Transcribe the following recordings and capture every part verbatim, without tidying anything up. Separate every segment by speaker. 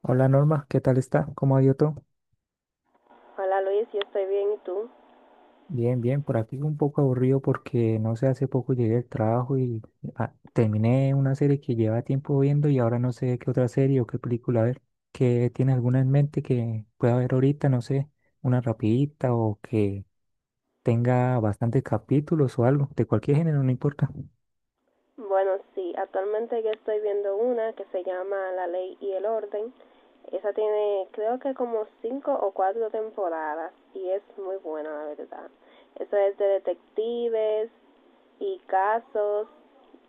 Speaker 1: Hola Norma, ¿qué tal está? ¿Cómo ha ido todo?
Speaker 2: Hola Luis, yo estoy bien y tú.
Speaker 1: Bien, bien, por aquí un poco aburrido porque no sé, hace poco llegué del trabajo y ah, terminé una serie que lleva tiempo viendo y ahora no sé qué otra serie o qué película ver. ¿Qué tiene alguna en mente que pueda ver ahorita? No sé, una rapidita o que tenga bastantes capítulos o algo, de cualquier género, no importa.
Speaker 2: Bueno, sí, actualmente yo estoy viendo una que se llama La Ley y el Orden. Esa tiene creo que como cinco o cuatro temporadas y es muy buena la verdad. Eso es de detectives y casos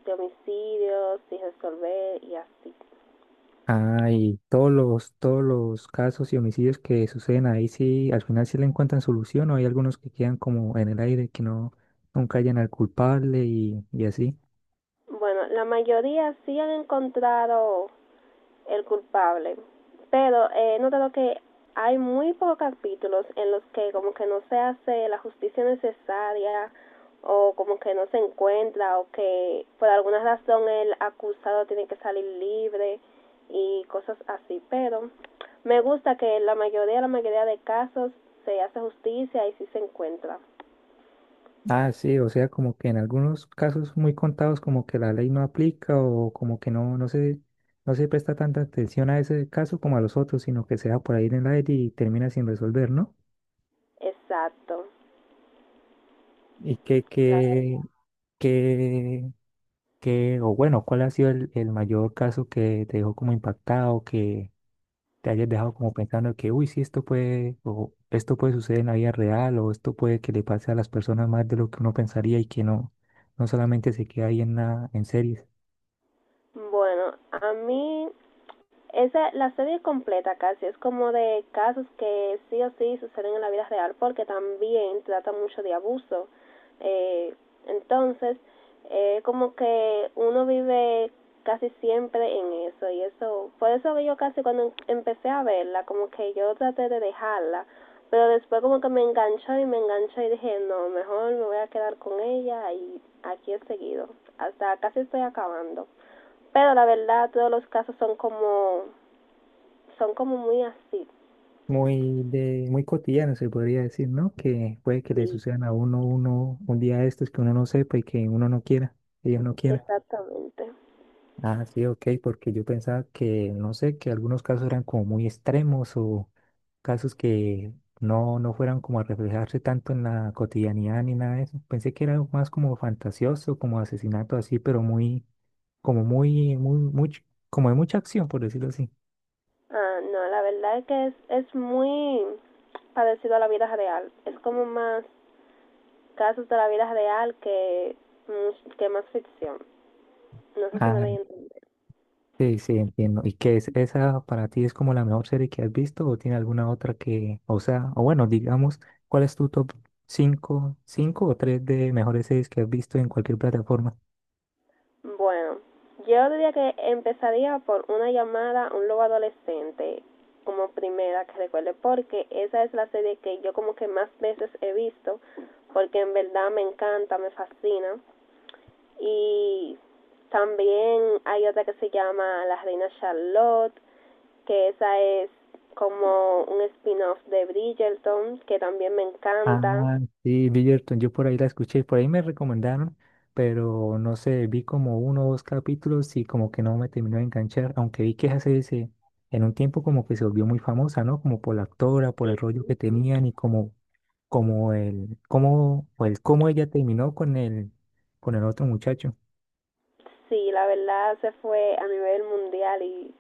Speaker 2: de homicidios y resolver y así.
Speaker 1: Ah, y todos los, todos los casos y homicidios que suceden ahí, sí, al final sí le encuentran solución o hay algunos que quedan como en el aire, que no, nunca hallan al culpable y, y así.
Speaker 2: Bueno, la mayoría sí han encontrado el culpable. Pero eh, he notado que hay muy pocos capítulos en los que como que no se hace la justicia necesaria o como que no se encuentra o que por alguna razón el acusado tiene que salir libre y cosas así. Pero me gusta que la mayoría, la mayoría de casos se hace justicia y sí se encuentra.
Speaker 1: Ah, sí, o sea, como que en algunos casos muy contados como que la ley no aplica o como que no, no se, no se presta tanta atención a ese caso como a los otros, sino que se va por ahí en el aire y termina sin resolver, ¿no?
Speaker 2: Exacto.
Speaker 1: Y que, que, que que, o bueno, ¿cuál ha sido el, el mayor caso que te dejó como impactado, que te hayas dejado como pensando que, uy, sí, esto puede, o esto puede suceder en la vida real, o esto puede que le pase a las personas más de lo que uno pensaría y que no, no solamente se queda ahí en la, en series?
Speaker 2: Bueno, a mí. Esa, la serie completa casi es como de casos que sí o sí suceden en la vida real porque también trata mucho de abuso. Eh, entonces, eh, como que uno vive casi siempre en eso y eso, por eso que yo casi cuando em, empecé a verla, como que yo traté de dejarla, pero después como que me enganchó y me enganchó y dije, no, mejor me voy a quedar con ella y aquí he seguido, hasta casi estoy acabando. Pero la verdad, todos los casos son como son como muy así.
Speaker 1: Muy de, muy cotidiano se podría decir, ¿no? Que puede que le
Speaker 2: Sí,
Speaker 1: sucedan a uno, uno, un día de estos que uno no sepa y que uno no quiera, ellos no quieran.
Speaker 2: exactamente.
Speaker 1: Ah, sí, ok, porque yo pensaba que, no sé, que algunos casos eran como muy extremos o casos que no, no fueran como a reflejarse tanto en la cotidianidad ni nada de eso. Pensé que era más como fantasioso, como asesinato así, pero muy, como muy, muy, mucho, como de mucha acción, por decirlo así.
Speaker 2: Ah, no, la verdad es que es, es muy parecido a la vida real. Es como más casos de la vida real que, much- que más ficción. No sé si me
Speaker 1: Ah,
Speaker 2: doy a entender.
Speaker 1: sí, sí, entiendo. ¿Y qué es esa para ti es como la mejor serie que has visto o tiene alguna otra que, o sea, o bueno, digamos, cuál es tu top cinco cinco o tres de mejores series que has visto en cualquier plataforma?
Speaker 2: Bueno, yo diría que empezaría por una llamada a un lobo adolescente como primera que recuerde porque esa es la serie que yo como que más veces he visto porque en verdad me encanta, me fascina. Y también hay otra que se llama La Reina Charlotte, que esa es como un spin-off de Bridgerton, que también me encanta.
Speaker 1: Ah, sí, Bridgerton, yo por ahí la escuché, por ahí me recomendaron, pero no sé, vi como uno o dos capítulos y como que no me terminó de enganchar, aunque vi que esa serie se- en un tiempo como que se volvió muy famosa, ¿no? Como por la actora, por el rollo que tenían y como, como el, cómo, o el cómo ella terminó con el, con el otro muchacho.
Speaker 2: Sí, la verdad se fue a nivel mundial y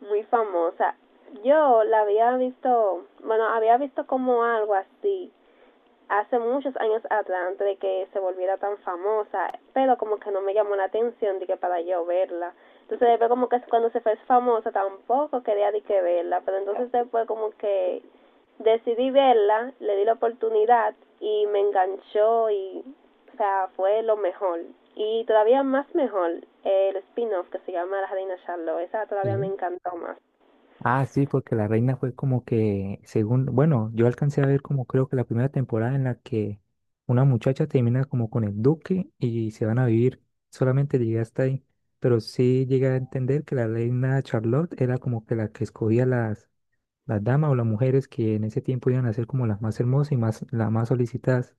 Speaker 2: muy famosa. Yo la había visto, bueno, había visto como algo así, hace muchos años atrás, antes de que se volviera tan famosa, pero como que no me llamó la atención de que para yo verla. Entonces después como que cuando se fue famosa tampoco quería de que verla, pero entonces después como que decidí verla, le di la oportunidad y me enganchó y, o sea, fue lo mejor. Y todavía más mejor el spin-off que se llama La Reina Charlotte, esa todavía me
Speaker 1: Sí.
Speaker 2: encantó más.
Speaker 1: Ah, sí, porque la reina fue como que, según, bueno, yo alcancé a ver como creo que la primera temporada en la que una muchacha termina como con el duque y se van a vivir, solamente llegué hasta ahí, pero sí llegué a entender que la reina Charlotte era como que la que escogía las, las damas o las mujeres que en ese tiempo iban a ser como las más hermosas y más, las más solicitadas.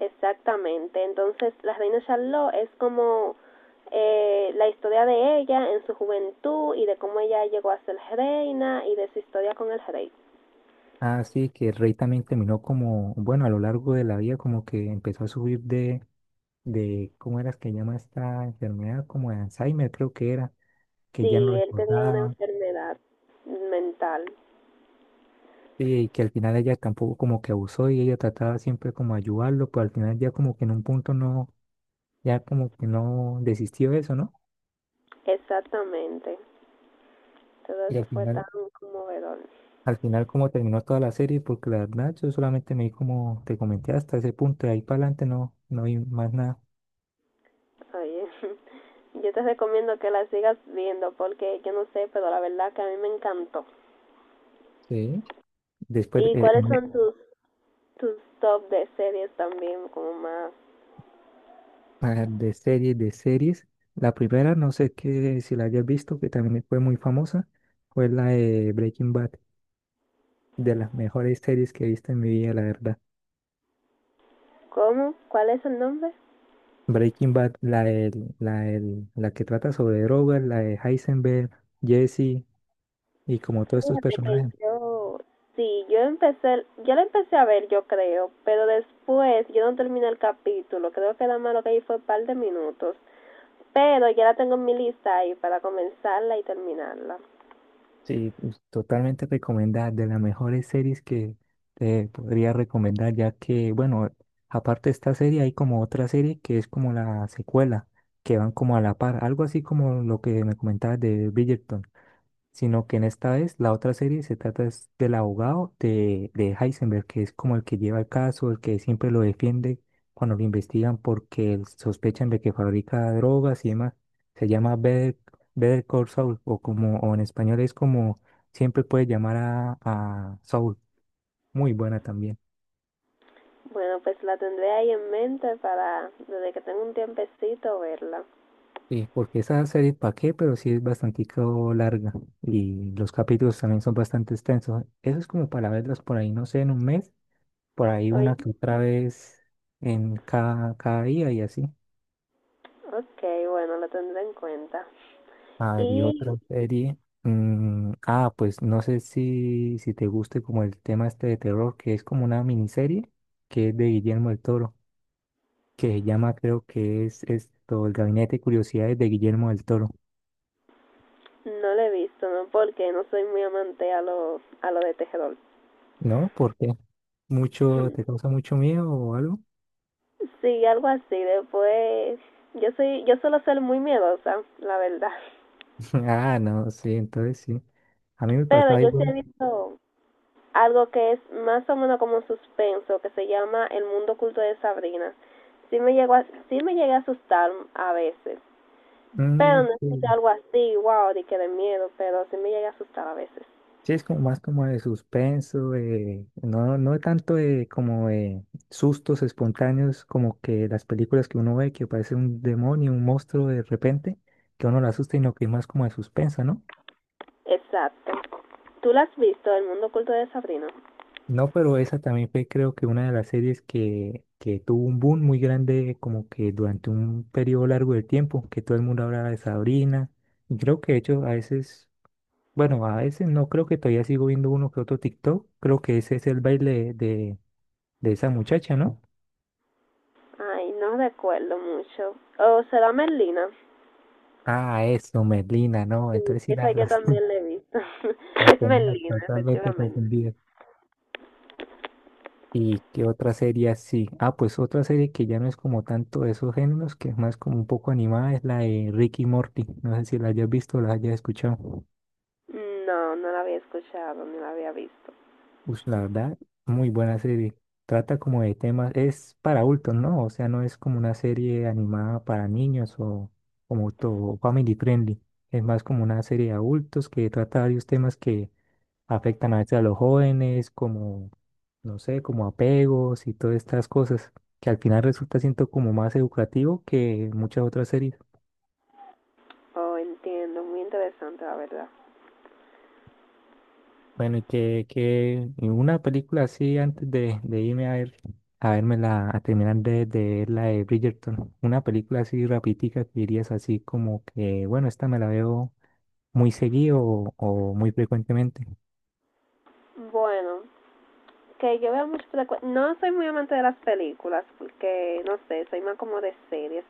Speaker 2: Exactamente. Entonces, La Reina Charlotte es como, eh, la historia de ella en su juventud y de cómo ella llegó a ser reina y de su historia con el rey.
Speaker 1: Ah, sí, que el rey también terminó como, bueno, a lo largo de la vida como que empezó a subir de, de, ¿cómo era que llama esta enfermedad? Como de Alzheimer creo que era que ya no
Speaker 2: Sí, él tenía una
Speaker 1: recordaba,
Speaker 2: enfermedad mental.
Speaker 1: sí, y que al final ella tampoco como que abusó y ella trataba siempre como de ayudarlo, pero al final ya como que en un punto no, ya como que no desistió de eso, ¿no?
Speaker 2: Exactamente. Todo
Speaker 1: Y
Speaker 2: eso
Speaker 1: al
Speaker 2: fue tan
Speaker 1: final,
Speaker 2: conmovedor.
Speaker 1: al final como terminó toda la serie, porque la verdad yo solamente me vi como te comenté hasta ese punto, de ahí para adelante no, no vi más nada.
Speaker 2: Oye, yo te recomiendo que la sigas viendo porque yo no sé, pero la verdad que a mí me encantó.
Speaker 1: Sí. Después,
Speaker 2: ¿Y
Speaker 1: eh,
Speaker 2: cuáles
Speaker 1: en-
Speaker 2: son tus, tus, top de series también? Como más...
Speaker 1: para de series, de series, la primera, no sé qué, si la hayas visto, que también fue muy famosa, fue la de Breaking Bad, de las mejores series que he visto en mi vida, la verdad.
Speaker 2: ¿Cómo? ¿Cuál es el nombre?
Speaker 1: Breaking Bad, la, del- la, del- la que trata sobre drogas, la de Heisenberg, Jesse y como todos estos
Speaker 2: Fíjate que
Speaker 1: personajes.
Speaker 2: yo, sí, yo empecé, yo la empecé a ver, yo creo, pero después yo no terminé el capítulo, creo que nada más lo que ahí fue un par de minutos, pero ya la tengo en mi lista ahí para comenzarla y terminarla.
Speaker 1: Sí, pues, totalmente recomendada, de las mejores series que te podría recomendar, ya que, bueno, aparte de esta serie hay como otra serie que es como la secuela, que van como a la par, algo así como lo que me comentabas de Bridgerton. Sino que en esta vez la otra serie se trata es del abogado de, de Heisenberg, que es como el que lleva el caso, el que siempre lo defiende cuando lo investigan porque él sospechan de que fabrica drogas y demás. Se llama Better, Better Call Saul, o como o en español es como siempre puedes llamar a, a Saul. Muy buena también.
Speaker 2: Bueno, pues la tendré ahí en mente para, desde que tenga un tiempecito, verla.
Speaker 1: Sí, porque esa serie, ¿para qué? Pero sí es bastante larga y los capítulos también son bastante extensos. Eso es como para verlas por ahí, no sé, en un mes por ahí
Speaker 2: Oye,
Speaker 1: una que otra vez en cada, cada día y así.
Speaker 2: ok, bueno, la tendré en cuenta.
Speaker 1: A ver, y otra
Speaker 2: Y
Speaker 1: serie. mm, ah, pues no sé si, si te guste como el tema este de terror, que es como una miniserie que es de Guillermo del Toro, que se llama, creo que es esto, El Gabinete de Curiosidades de Guillermo del Toro.
Speaker 2: no la he visto, ¿no? Porque no soy muy amante a lo, a lo de tejedor.
Speaker 1: ¿No? ¿Por qué? ¿Mucho, te causa mucho miedo o algo?
Speaker 2: Sí, algo así. Después, yo soy, yo suelo ser muy miedosa, la verdad.
Speaker 1: Ah, no, sí, entonces sí. A mí me
Speaker 2: Pero
Speaker 1: pasaba
Speaker 2: yo sí he
Speaker 1: igual.
Speaker 2: visto algo que es más o menos como un suspenso, que se llama El mundo oculto de Sabrina. Sí me llegó, a, sí me llegué a asustar a veces. Pero
Speaker 1: Mm,
Speaker 2: no es que sea
Speaker 1: sí.
Speaker 2: algo así, wow, de que de miedo, pero sí me llega a asustar a veces.
Speaker 1: Sí, es como más como de suspenso, eh, no, no tanto de como de sustos espontáneos como que las películas que uno ve que aparece un demonio, un monstruo de repente, que uno lo asusta, y no que es más como de suspenso, ¿no?
Speaker 2: Exacto. ¿Tú la has visto, El mundo oculto de Sabrina?
Speaker 1: No, pero esa también fue creo que una de las series que, que tuvo un boom muy grande como que durante un periodo largo de tiempo, que todo el mundo hablaba de Sabrina, y creo que de hecho a veces, bueno, a veces no, creo que todavía sigo viendo uno que otro TikTok, creo que ese es el baile de... de esa muchacha, ¿no?
Speaker 2: Ay, no recuerdo mucho. ¿O será Merlina?
Speaker 1: Ah, eso, Merlina, no.
Speaker 2: Sí,
Speaker 1: Entonces sí
Speaker 2: esa
Speaker 1: las,
Speaker 2: yo
Speaker 1: las,
Speaker 2: también la he visto.
Speaker 1: las
Speaker 2: es
Speaker 1: tenía
Speaker 2: Merlina,
Speaker 1: totalmente
Speaker 2: efectivamente.
Speaker 1: confundidas. ¿Y qué otra serie así? Ah, pues otra serie que ya no es como tanto de esos géneros, que es más como un poco animada, es la de Ricky Morty. No sé si la hayas visto o la hayas escuchado.
Speaker 2: No, no la había escuchado, ni la había visto.
Speaker 1: Pues la verdad, muy buena serie. Trata como de temas, es para adultos, ¿no? O sea, no es como una serie animada para niños o como todo family friendly. Es más como una serie de adultos que trata varios temas que afectan a veces a los jóvenes, como, no sé, como apegos y todas estas cosas, que al final resulta siento como más educativo que muchas otras series.
Speaker 2: Oh, entiendo, muy interesante la verdad.
Speaker 1: Bueno, y que, que y una película así antes de, de irme a ver, a vérmela, a terminar de, de ver la de Bridgerton, una película así rapidica que dirías así como que, bueno, esta me la veo muy seguido o, o muy frecuentemente.
Speaker 2: Bueno, que yo veo mucho frecu- No soy muy amante de las películas, porque no sé, soy más como de series.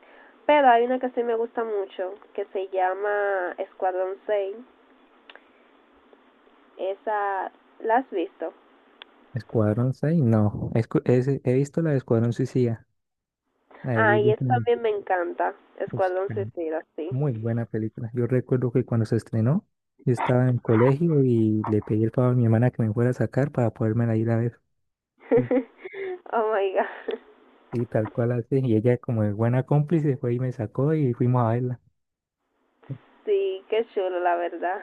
Speaker 2: Pero hay una que sí me gusta mucho, que se llama Escuadrón seis. Esa, ¿la has visto?
Speaker 1: Escuadrón seis, no, Escu- es- he visto la de Escuadrón Suicida, la de
Speaker 2: Ah, y
Speaker 1: Will
Speaker 2: esa
Speaker 1: Smith.
Speaker 2: también me encanta.
Speaker 1: Uf,
Speaker 2: Escuadrón Suicida, sí.
Speaker 1: muy buena película. Yo recuerdo que cuando se estrenó, yo estaba en el colegio y le pedí el favor a mi hermana que me fuera a sacar para podérmela ir a ver.
Speaker 2: oh my god.
Speaker 1: Y tal cual así. Y ella, como de buena cómplice, fue y me sacó y fuimos a verla.
Speaker 2: Sí, qué chulo, la verdad.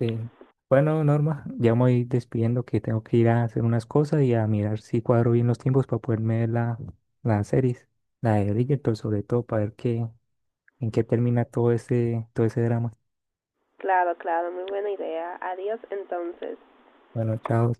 Speaker 1: Eh, bueno, Norma, ya me voy despidiendo que tengo que ir a hacer unas cosas y a mirar si cuadro bien los tiempos para poderme ver la, la series, la de Bridgerton, sobre todo, para ver qué, en qué termina todo ese, todo ese drama.
Speaker 2: Claro, claro, muy buena idea. Adiós entonces.
Speaker 1: Bueno, chao.